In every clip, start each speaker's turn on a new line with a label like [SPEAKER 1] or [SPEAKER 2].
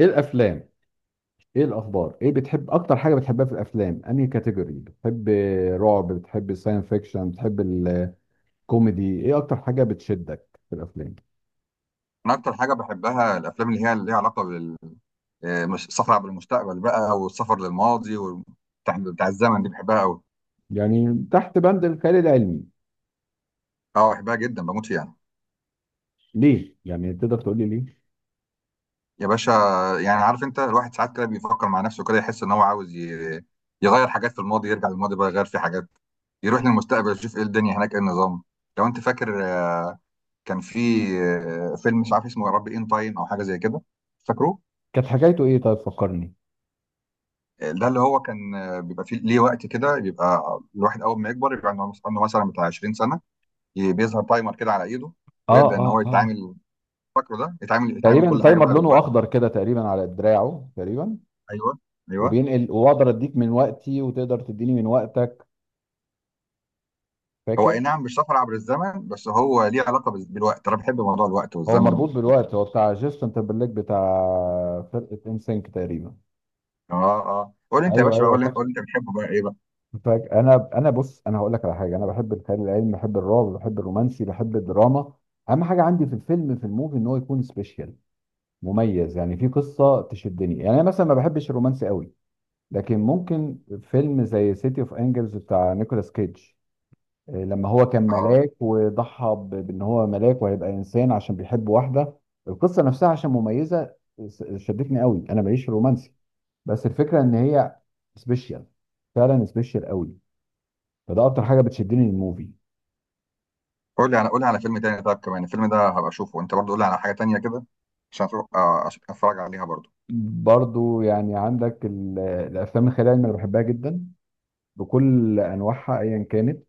[SPEAKER 1] ايه الافلام؟ ايه الاخبار؟ ايه بتحب اكتر حاجه بتحبها في الافلام؟ انهي كاتيجوري بتحب؟ رعب؟ بتحب ساين فيكشن؟ بتحب الكوميدي؟ ايه اكتر حاجه بتشدك في الافلام؟
[SPEAKER 2] انا اكتر حاجه بحبها الافلام اللي هي اللي ليها علاقه بال آه، مش سفر عبر المستقبل بقى والسفر للماضي وبتاع بتاع بتاع الزمن دي بحبها قوي.
[SPEAKER 1] يعني تحت بند الخيال العلمي.
[SPEAKER 2] اه، بحبها جدا، بموت فيها.
[SPEAKER 1] ليه؟ يعني تقدر تقول لي ليه؟
[SPEAKER 2] يا باشا، يعني عارف انت الواحد ساعات كده بيفكر مع نفسه كده، يحس ان هو عاوز يغير حاجات في الماضي، يرجع للماضي بقى يغير في حاجات، يروح للمستقبل يشوف ايه الدنيا هناك، ايه النظام. لو انت فاكر، كان في فيلم مش عارف اسمه، يا رب، ان تايم او حاجه زي كده، فاكروه؟
[SPEAKER 1] كانت حكايته ايه؟ طيب فكرني.
[SPEAKER 2] ده اللي هو كان بيبقى فيه ليه وقت كده، بيبقى الواحد اول ما يكبر يبقى عنده مثلا بتاع 20 سنه، بيظهر تايمر كده على ايده،
[SPEAKER 1] اه
[SPEAKER 2] ويبدا ان
[SPEAKER 1] اه
[SPEAKER 2] هو
[SPEAKER 1] اه
[SPEAKER 2] يتعامل. فاكره ده، يتعامل
[SPEAKER 1] تقريبا
[SPEAKER 2] كل حاجه
[SPEAKER 1] تايمر
[SPEAKER 2] بقى
[SPEAKER 1] لونه
[SPEAKER 2] بالوقت.
[SPEAKER 1] اخضر كده تقريبا على دراعه تقريبا،
[SPEAKER 2] ايوه، ايوه.
[SPEAKER 1] وبينقل. واقدر اديك من وقتي وتقدر تديني من وقتك.
[SPEAKER 2] هو
[SPEAKER 1] فاكر؟
[SPEAKER 2] اي نعم مش سفر عبر الزمن، بس هو ليه علاقه بالوقت. انا بحب موضوع الوقت
[SPEAKER 1] هو
[SPEAKER 2] والزمن وال...
[SPEAKER 1] مربوط بالوقت، هو بتاع جيسون تمبرليك بتاع فرقه انسينك تقريبا.
[SPEAKER 2] اه، اه، قول انت يا
[SPEAKER 1] ايوه
[SPEAKER 2] باشا بقى،
[SPEAKER 1] ايوه،
[SPEAKER 2] قول،
[SPEAKER 1] فاكر.
[SPEAKER 2] قول انت بتحبه بقى ايه بقى.
[SPEAKER 1] فاكر، انا بص، انا هقول لك على حاجه. انا بحب الخيال العلمي، بحب الرعب، بحب الرومانسي، بحب الدراما. اهم حاجه عندي في الفيلم، في الموفي، ان هو يكون سبيشال، مميز، يعني في قصه تشدني. يعني انا مثلا ما بحبش الرومانسي قوي، لكن ممكن فيلم زي سيتي اوف انجلز بتاع نيكولاس كيدج، لما هو كان
[SPEAKER 2] اه،
[SPEAKER 1] ملاك وضحى بان هو ملاك وهيبقى انسان عشان بيحب واحده. القصه نفسها عشان مميزه شدتني قوي. انا ماليش رومانسي، بس الفكره ان هي سبيشال، فعلا سبيشال قوي. فده اكتر حاجه بتشدني للموفي.
[SPEAKER 2] قول لي على فيلم تاني، طب كمان الفيلم ده هبقى اشوفه، انت برضه قول لي على حاجه تانيه كده عشان عشان اتفرج عليها برضه.
[SPEAKER 1] برضو يعني عندك الافلام الخيال العلمي انا بحبها جدا بكل انواعها ايا كانت.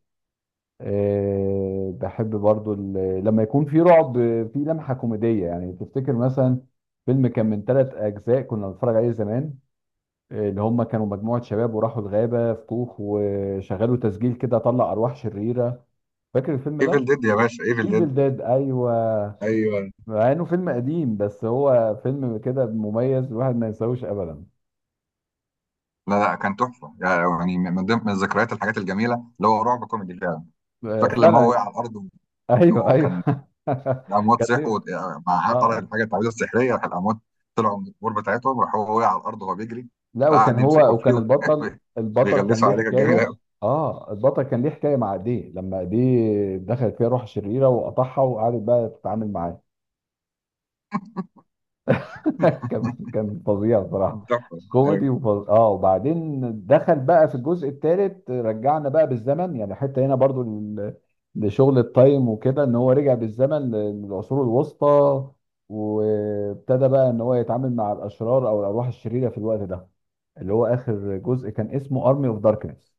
[SPEAKER 1] أه، بحب برضو لما يكون في رعب في لمحه كوميديه. يعني تفتكر مثلا فيلم كان من ثلاث اجزاء كنا بنتفرج عليه زمان، اللي هم كانوا مجموعه شباب وراحوا الغابه في كوخ وشغلوا تسجيل كده طلع ارواح شريره؟ فاكر الفيلم ده؟
[SPEAKER 2] ايفل ديد يا باشا، ايفل ديد.
[SPEAKER 1] ايفل ديد، ايوه.
[SPEAKER 2] ايوه.
[SPEAKER 1] مع انه فيلم قديم بس هو فيلم كده مميز، الواحد ما ينساهوش ابدا.
[SPEAKER 2] لا لا، كان تحفه يعني، من ضمن من ذكريات الحاجات الجميله، اللي هو رعب كوميدي فعلا. فاكر لما هو
[SPEAKER 1] فعلا.
[SPEAKER 2] وقع على الارض
[SPEAKER 1] ايوه
[SPEAKER 2] وكان
[SPEAKER 1] ايوه.
[SPEAKER 2] الاموات
[SPEAKER 1] كانت
[SPEAKER 2] صحوا،
[SPEAKER 1] ليه.
[SPEAKER 2] مع
[SPEAKER 1] اه
[SPEAKER 2] قرأ الحاجه التعويذه السحريه راح الاموات طلعوا من القبور بتاعتهم، راح هو وقع على الارض وهو بيجري،
[SPEAKER 1] لا، وكان
[SPEAKER 2] فقعد
[SPEAKER 1] هو،
[SPEAKER 2] يمسكوا فيه
[SPEAKER 1] وكان البطل، كان
[SPEAKER 2] ويغلسوا
[SPEAKER 1] ليه
[SPEAKER 2] عليه، كانت جميله
[SPEAKER 1] حكايه.
[SPEAKER 2] قوي.
[SPEAKER 1] اه، البطل كان ليه حكايه مع ايديه، لما ايديه دخلت فيها روح شريره وقطعها وقعدت بقى تتعامل معاه. كان فظيع
[SPEAKER 2] كانت
[SPEAKER 1] بصراحه.
[SPEAKER 2] تحفة. أيوة.
[SPEAKER 1] كوميدي وفظ... اه، وبعدين دخل بقى في الجزء الثالث، رجعنا بقى بالزمن، يعني حتى هنا برضو لشغل التايم وكده، ان هو رجع بالزمن للعصور الوسطى، وابتدى بقى ان هو يتعامل مع الاشرار او الارواح الشريره في الوقت ده. اللي هو اخر جزء كان اسمه ارمي اوف داركنس.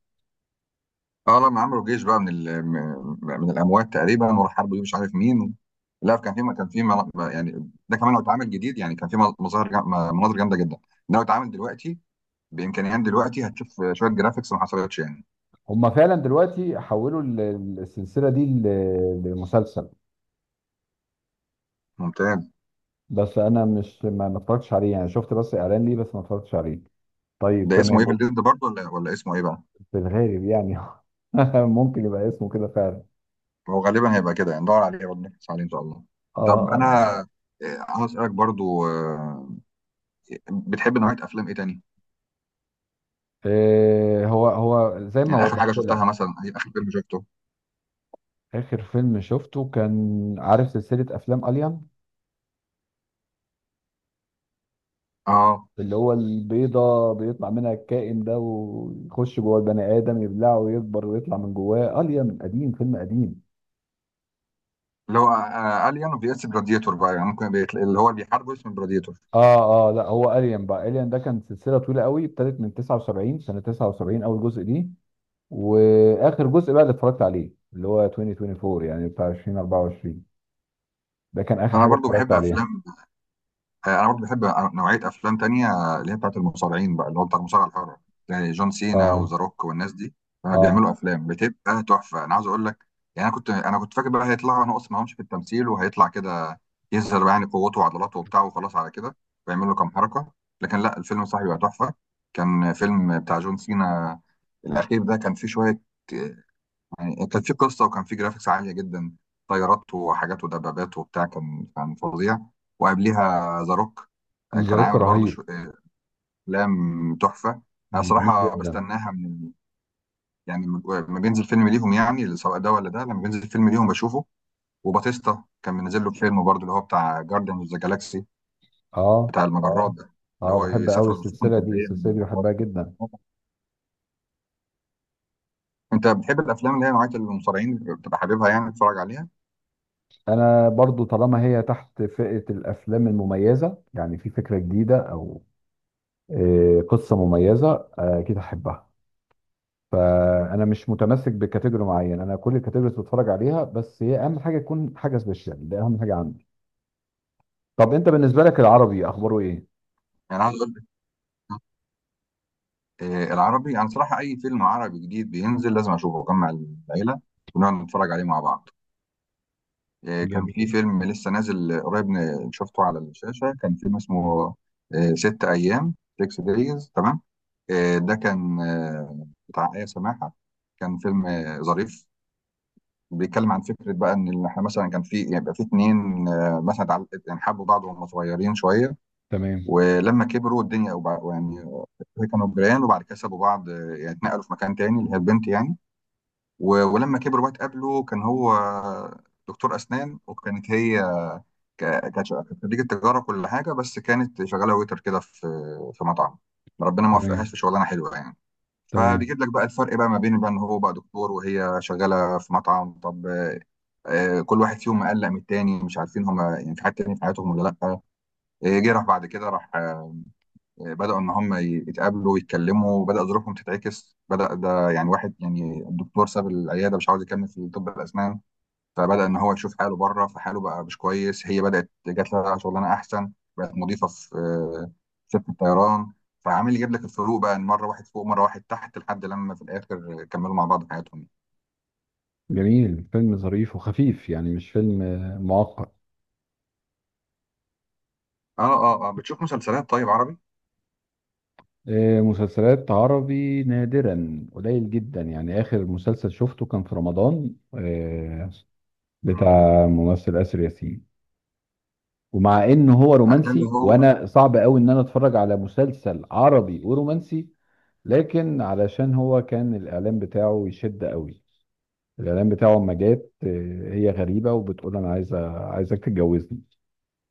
[SPEAKER 2] اه، لما عملوا جيش بقى من من الاموات تقريبا وراح حاربوا مش عارف مين. لا، كان في يعني ده كمان لو اتعمل جديد يعني، كان في مناظر جامده جدا. لو اتعمل دلوقتي بامكانيات دلوقتي، هتشوف شويه جرافيكس ما حصلتش يعني.
[SPEAKER 1] هما فعلا دلوقتي حولوا السلسله دي لمسلسل،
[SPEAKER 2] ممتاز.
[SPEAKER 1] بس انا مش، ما اتفرجتش عليه، يعني شفت بس اعلان ليه بس ما اتفرجتش عليه. طيب،
[SPEAKER 2] ده اسمه
[SPEAKER 1] تمام.
[SPEAKER 2] ايفل ديد برضه، ولا ولا اسمه ايه بقى؟
[SPEAKER 1] في الغالب يعني ممكن يبقى اسمه كده فعلا.
[SPEAKER 2] هو غالبا هيبقى كده يعني، ندور عليه ونبحث عليه ان شاء الله.
[SPEAKER 1] اه
[SPEAKER 2] طب
[SPEAKER 1] اه.
[SPEAKER 2] انا عاوز اسالك برضو، بتحب نوعيه افلام ايه تاني؟
[SPEAKER 1] إيه هو، زي ما
[SPEAKER 2] يعني اخر حاجه
[SPEAKER 1] وضحت
[SPEAKER 2] شفتها
[SPEAKER 1] لك.
[SPEAKER 2] مثلا ايه، اخر فيلم شفته.
[SPEAKER 1] اخر فيلم شفته كان، عارف سلسلة افلام اليان،
[SPEAKER 2] اه،
[SPEAKER 1] اللي هو البيضة بيطلع منها الكائن ده ويخش جوه البني ادم يبلعه ويكبر ويطلع من جواه اليان؟ قديم، فيلم قديم.
[SPEAKER 2] اللي هو الين في اس جلاديتور بقى، يعني ممكن بيتل... اللي هو اللي بيحاربوا اسمه جلاديتور.
[SPEAKER 1] اه اه، لا هو اليان بقى، اليان ده كان سلسلة طويلة قوي، ابتدت من 79، سنة 79 اول جزء دي، واخر جزء بقى اللي اتفرجت عليه اللي هو 2024، يعني بتاع 2024. ده كان اخر
[SPEAKER 2] انا
[SPEAKER 1] حاجه
[SPEAKER 2] برضو
[SPEAKER 1] اتفرجت
[SPEAKER 2] بحب
[SPEAKER 1] عليها.
[SPEAKER 2] افلام، انا برضه بحب نوعيه افلام تانية، اللي هي بتاعت المصارعين بقى، اللي هو بتاع المصارعه الحره، يعني جون سينا
[SPEAKER 1] اه
[SPEAKER 2] وذا روك والناس دي.
[SPEAKER 1] اه.
[SPEAKER 2] بيعملوا افلام بتبقى تحفه، انا عايز اقول لك. يعني انا كنت فاكر بقى هيطلعوا نقص معهمش في التمثيل، وهيطلع كده يظهر بقى يعني قوته وعضلاته وبتاع، وخلاص على كده ويعمل له كام حركه. لكن لا، الفيلم صاحبي بقى تحفه. كان فيلم بتاع جون سينا، الاخير ده كان فيه شويه، يعني كانت في قصه، وكان في جرافيكس عاليه جدا، طيارات وحاجات ودبابات وبتاع، كان فظيع. وقبليها ذا روك
[SPEAKER 1] ذا
[SPEAKER 2] كان
[SPEAKER 1] روك
[SPEAKER 2] عامل برضه
[SPEAKER 1] رهيب.
[SPEAKER 2] افلام تحفه. انا
[SPEAKER 1] جميل
[SPEAKER 2] صراحه
[SPEAKER 1] جدا.
[SPEAKER 2] بستناها من، يعني لما بينزل فيلم ليهم يعني سواء ده ولا ده، لما بينزل فيلم ليهم بشوفه. وباتيستا كان منزل له فيلم برضه، اللي هو بتاع جارديان اوف ذا جالاكسي،
[SPEAKER 1] اه
[SPEAKER 2] بتاع المجرات
[SPEAKER 1] اه
[SPEAKER 2] ده، اللي
[SPEAKER 1] اه،
[SPEAKER 2] هو
[SPEAKER 1] بحب قوي
[SPEAKER 2] يسافروا في سفن
[SPEAKER 1] السلسله دي،
[SPEAKER 2] فضائيه من
[SPEAKER 1] السلسله دي
[SPEAKER 2] المجرات
[SPEAKER 1] بحبها جدا.
[SPEAKER 2] وبتاع. انت بتحب الافلام اللي هي نوعيه المصارعين، بتبقى حاببها يعني تتفرج عليها؟
[SPEAKER 1] انا برضو طالما هي تحت فئه الافلام المميزه، يعني في فكره جديده او قصه مميزه، اكيد هحبها. فانا مش متمسك بكاتيجوري معين، انا كل الكاتيجوريز بتفرج عليها، بس هي اهم حاجه تكون حاجه سبيشال، ده اهم حاجه عندي. طب انت بالنسبه لك العربي اخباره ايه؟
[SPEAKER 2] يعني عايز اقول، العربي، انا صراحه اي فيلم عربي جديد بينزل لازم اشوفه، واجمع العيله ونقعد نتفرج عليه مع بعض. كان في
[SPEAKER 1] جميل.
[SPEAKER 2] فيلم لسه نازل قريب، شفته على الشاشه، كان فيلم اسمه ست ايام، 6 دايز، تمام. ده كان بتاع ايه سماحه. كان فيلم ظريف، بيتكلم عن فكره بقى ان احنا مثلا كان في، يبقى في اتنين، مثلا يعني حبوا بعض وهم صغيرين شويه،
[SPEAKER 1] تمام.
[SPEAKER 2] ولما كبروا الدنيا يعني كانوا جيران، وبعد كده سابوا بعض، يعني اتنقلوا في مكان تاني، اللي هي البنت يعني، ولما كبر بقى اتقابلوا، كان هو دكتور أسنان، وكانت هي ك- كانت خريجة تجارة كل حاجة، بس كانت شغالة ويتر كده في في مطعم، ربنا ما
[SPEAKER 1] تمام.
[SPEAKER 2] وفقهاش في شغلانة حلوة يعني.
[SPEAKER 1] تمام.
[SPEAKER 2] فبيجيب لك بقى الفرق بقى ما بين بقى ان هو بقى دكتور، وهي شغاله في مطعم. طب، كل واحد فيهم مقلق من التاني، مش عارفين هما يعني في حد تاني في حياتهم ولا لا. جه راح بعد كده راح، بدأوا إن هم يتقابلوا ويتكلموا، بدأ ظروفهم تتعكس، بدأ ده يعني واحد، يعني الدكتور ساب العيادة مش عاوز يكمل في طب الأسنان، فبدأ إن هو يشوف حاله بره، فحاله بقى مش كويس. هي بدأت جات لها شغلانة أحسن، بقت مضيفة في شركة طيران، فعامل يجيب لك الفروق بقى، إن مرة واحد فوق مرة واحد تحت، لحد لما في الآخر كملوا مع بعض حياتهم.
[SPEAKER 1] جميل، فيلم ظريف وخفيف، يعني مش فيلم معقد.
[SPEAKER 2] آه، آه، آه. بتشوف مسلسلات طيب عربي؟
[SPEAKER 1] مسلسلات عربي نادرا، قليل جدا. يعني آخر مسلسل شفته كان في رمضان،
[SPEAKER 2] مم.
[SPEAKER 1] بتاع ممثل آسر ياسين. ومع إن هو
[SPEAKER 2] ده اللي
[SPEAKER 1] رومانسي،
[SPEAKER 2] هو،
[SPEAKER 1] وأنا صعب قوي إن أنا أتفرج على مسلسل عربي ورومانسي، لكن علشان هو كان الإعلان بتاعه يشد قوي. الاعلان بتاعه اما جت هي غريبه وبتقول انا عايزه، عايزك تتجوزني.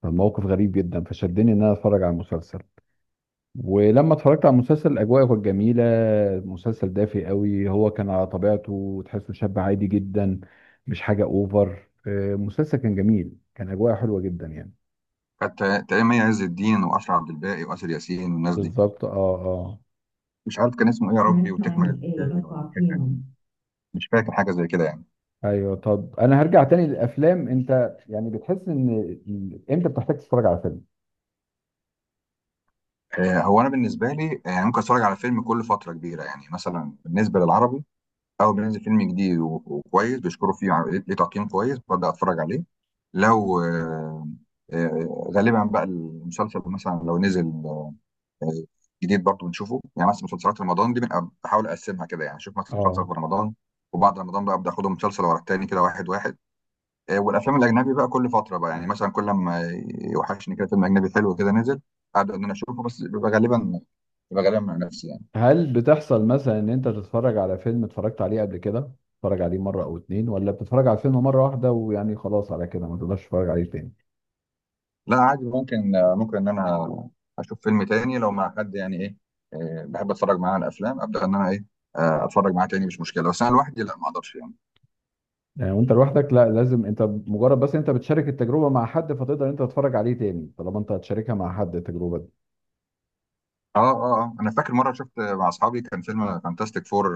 [SPEAKER 1] فالموقف غريب جدا، فشدني ان انا اتفرج على المسلسل. ولما اتفرجت على المسلسل، الاجواء كانت جميله. مسلسل دافي قوي، هو كان على طبيعته، تحسه شاب عادي جدا، مش حاجه اوفر. المسلسل كان جميل، كان اجواء حلوه جدا يعني.
[SPEAKER 2] كانت تقريبا مي عز الدين وأشرف عبد الباقي وآسر ياسين والناس دي.
[SPEAKER 1] بالظبط، اه اه.
[SPEAKER 2] مش عارف كان اسمه إيه يا ربي،
[SPEAKER 1] Prime time
[SPEAKER 2] وتكمل
[SPEAKER 1] 8
[SPEAKER 2] الحكاية ولا
[SPEAKER 1] o'clock
[SPEAKER 2] كانت أنهي.
[SPEAKER 1] p.m.
[SPEAKER 2] مش فاكر حاجة زي كده يعني.
[SPEAKER 1] ايوه. طب انا هرجع تاني للافلام. انت يعني بتحس ان امتى بتحتاج تتفرج على فيلم؟
[SPEAKER 2] هو أنا بالنسبة لي، يعني ممكن أتفرج على فيلم كل فترة كبيرة، يعني مثلا بالنسبة للعربي، أول ما ينزل فيلم جديد وكويس بيشكروا فيه، ليه تقييم كويس، ببدأ أتفرج عليه. لو غالبا بقى المسلسل مثلا لو نزل جديد برضه بنشوفه، يعني مثلا مسلسلات رمضان دي بنبقى بحاول اقسمها كده، يعني اشوف مثلا مسلسل
[SPEAKER 1] اه.
[SPEAKER 2] في رمضان، وبعد رمضان بقى ابدا اخدهم مسلسل ورا التاني كده واحد واحد. والافلام الاجنبي بقى كل فتره بقى، يعني مثلا كل ما يوحشني كده فيلم اجنبي حلو كده نزل، ابدا ان انا اشوفه، بس بيبقى غالبا مع نفسي يعني.
[SPEAKER 1] هل بتحصل مثلا ان انت تتفرج على فيلم اتفرجت عليه قبل كده، تتفرج عليه مرة او اتنين، ولا بتتفرج على الفيلم مرة واحدة ويعني خلاص على كده ما تقدرش تتفرج عليه تاني؟
[SPEAKER 2] لا عادي، ممكن ان انا اشوف فيلم تاني لو مع حد، يعني ايه، بحب اتفرج معاه على افلام، ابدا ان انا ايه، اتفرج معاه تاني مش مشكله، بس انا لوحدي لا ما اقدرش يعني.
[SPEAKER 1] يعني وانت لوحدك لا، لازم، انت مجرد، بس انت بتشارك التجربة مع حد فتقدر انت تتفرج عليه تاني طالما انت هتشاركها مع حد التجربة دي.
[SPEAKER 2] اه، اه، آه. انا فاكر مره شفت مع اصحابي كان فيلم فانتاستيك فور،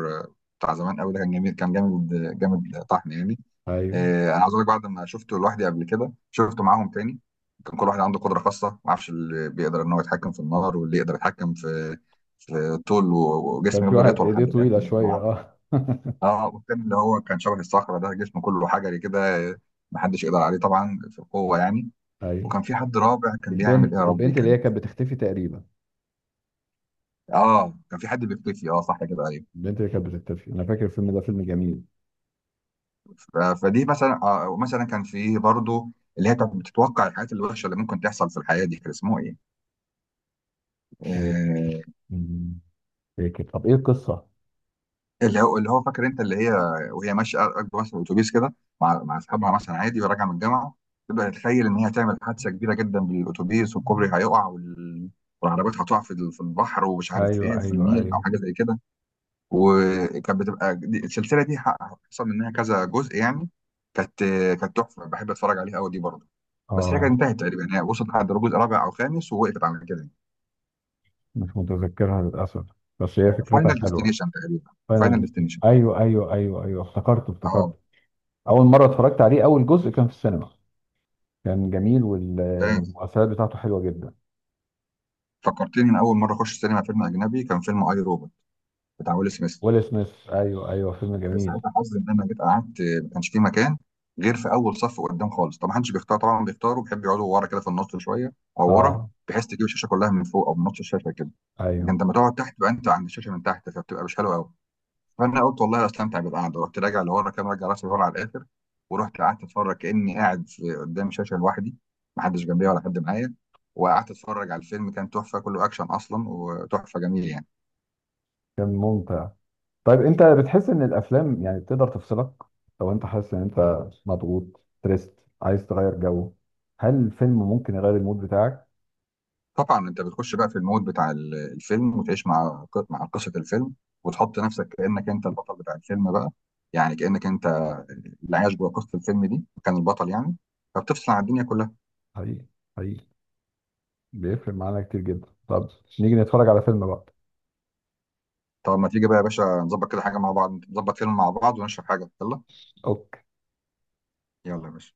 [SPEAKER 2] بتاع زمان قوي ده، كان جميل، كان جامد، جامد طحن يعني.
[SPEAKER 1] ايوه،
[SPEAKER 2] انا عاوز اقول لك، بعد ما شفته لوحدي قبل كده شفته معاهم تاني. كان كل واحد عنده قدره خاصه، ما اعرفش، اللي بيقدر ان هو يتحكم في النار، واللي يقدر يتحكم في في طول
[SPEAKER 1] كان
[SPEAKER 2] وجسمه
[SPEAKER 1] في
[SPEAKER 2] يفضل
[SPEAKER 1] واحد
[SPEAKER 2] يطول
[SPEAKER 1] ايديه
[SPEAKER 2] لحد
[SPEAKER 1] طويلة
[SPEAKER 2] الاخر.
[SPEAKER 1] شوية، اه.
[SPEAKER 2] اه، والتاني اللي هو كان شبه الصخرة ده، جسمه كله حجري كده، محدش يقدر عليه طبعا في القوة يعني.
[SPEAKER 1] ايوه.
[SPEAKER 2] وكان في حد رابع كان بيعمل ايه
[SPEAKER 1] البنت،
[SPEAKER 2] يا ربي،
[SPEAKER 1] اللي
[SPEAKER 2] كان،
[SPEAKER 1] هي كانت بتختفي تقريبا.
[SPEAKER 2] اه كان في حد بيختفي، اه صح كده، ايوه.
[SPEAKER 1] البنت اللي كانت بتختفي، انا فاكر الفيلم ده، فيلم جميل.
[SPEAKER 2] فدي مثلا، آه مثلا، كان في برضه اللي هي كانت بتتوقع الحاجات الوحشة اللي ممكن تحصل في الحياة دي، كان اسمه ايه؟
[SPEAKER 1] إيه،
[SPEAKER 2] آه،
[SPEAKER 1] مم، فاكر. طب ايه القصة؟
[SPEAKER 2] اللي هو اللي هو، فاكر انت اللي هي، وهي ماشيه راكبه مثلا الاتوبيس كده مع اصحابها، مثلا عادي وراجعه من الجامعه، تبدا تتخيل ان هي هتعمل حادثه كبيره جدا بالاتوبيس، والكوبري هيقع وال... والعربيات هتقع في في البحر، ومش عارف
[SPEAKER 1] ايوه
[SPEAKER 2] ايه، في
[SPEAKER 1] ايوه
[SPEAKER 2] النيل او
[SPEAKER 1] ايوه.
[SPEAKER 2] حاجه زي كده. وكانت بتبقى السلسله دي، حصل منها كذا جزء يعني. كانت كانت تحفه، بحب اتفرج عليها قوي دي برضه. بس هي كانت
[SPEAKER 1] اه،
[SPEAKER 2] انتهت تقريبا، هي وصلت لحد جزء رابع او خامس ووقفت على كده.
[SPEAKER 1] مش متذكرها للأسف، بس هي
[SPEAKER 2] فاينل
[SPEAKER 1] فكرتها حلوة.
[SPEAKER 2] ديستنيشن تقريبا،
[SPEAKER 1] فاينل
[SPEAKER 2] فاينل
[SPEAKER 1] ديستنيشن،
[SPEAKER 2] ديستنيشن.
[SPEAKER 1] أيوه أيوه أيوه أيوه، افتكرته
[SPEAKER 2] اه.
[SPEAKER 1] افتكرته. أول مرة اتفرجت عليه، أول جزء، كان في السينما. كان جميل، والمؤثرات بتاعته حلوة جدا.
[SPEAKER 2] فكرتني انا اول مره اخش سينما فيلم اجنبي، كان فيلم اي روبوت، بتاع ويل سميث.
[SPEAKER 1] ويل سميث، أيوه أيوه، فيلم جميل.
[SPEAKER 2] ساعتها حظي ان انا جيت قعدت ما كانش في مكان غير في اول صف قدام خالص. طب ما حدش بيختار طبعا، بيختاروا بيحب يقعدوا ورا كده في النص شويه او ورا،
[SPEAKER 1] أه.
[SPEAKER 2] بحيث تجيب الشاشه كلها من فوق او من نص الشاشه كده. لكن
[SPEAKER 1] أيوه.
[SPEAKER 2] لما تقعد تحت بقى انت عند الشاشه من تحت، فبتبقى مش حلوه قوي. فانا قلت والله استمتع بالقعده، رحت راجع لورا كده، راجع راسي لورا على الاخر، ورحت قعدت اتفرج كاني قاعد في قدام شاشه لوحدي، ما حدش جنبي ولا حد معايا. وقعدت اتفرج على الفيلم، كان تحفه، كله اكشن اصلا وتحفه، جميل يعني.
[SPEAKER 1] كان ممتع. طيب أنت بتحس إن الأفلام يعني بتقدر تفصلك؟ لو أنت حاسس إن أنت مضغوط، تريست، عايز تغير جو، هل الفيلم ممكن يغير المود بتاعك؟
[SPEAKER 2] طبعا انت بتخش بقى في المود بتاع الفيلم، وتعيش مع قصه الفيلم، وتحط نفسك كانك انت البطل بتاع الفيلم بقى، يعني كانك انت اللي عايش جوه قصه الفيلم دي، كان البطل يعني، فبتفصل عن الدنيا كلها.
[SPEAKER 1] حقيقي. حقيقي. بيفرق معانا كتير جدا. طب نيجي نتفرج على فيلم بقى.
[SPEAKER 2] طب ما تيجي بقى يا باشا، نظبط كده حاجه مع بعض، نظبط فيلم مع بعض ونشرب حاجه، يلا.
[SPEAKER 1] أوكي.
[SPEAKER 2] يلا يا باشا.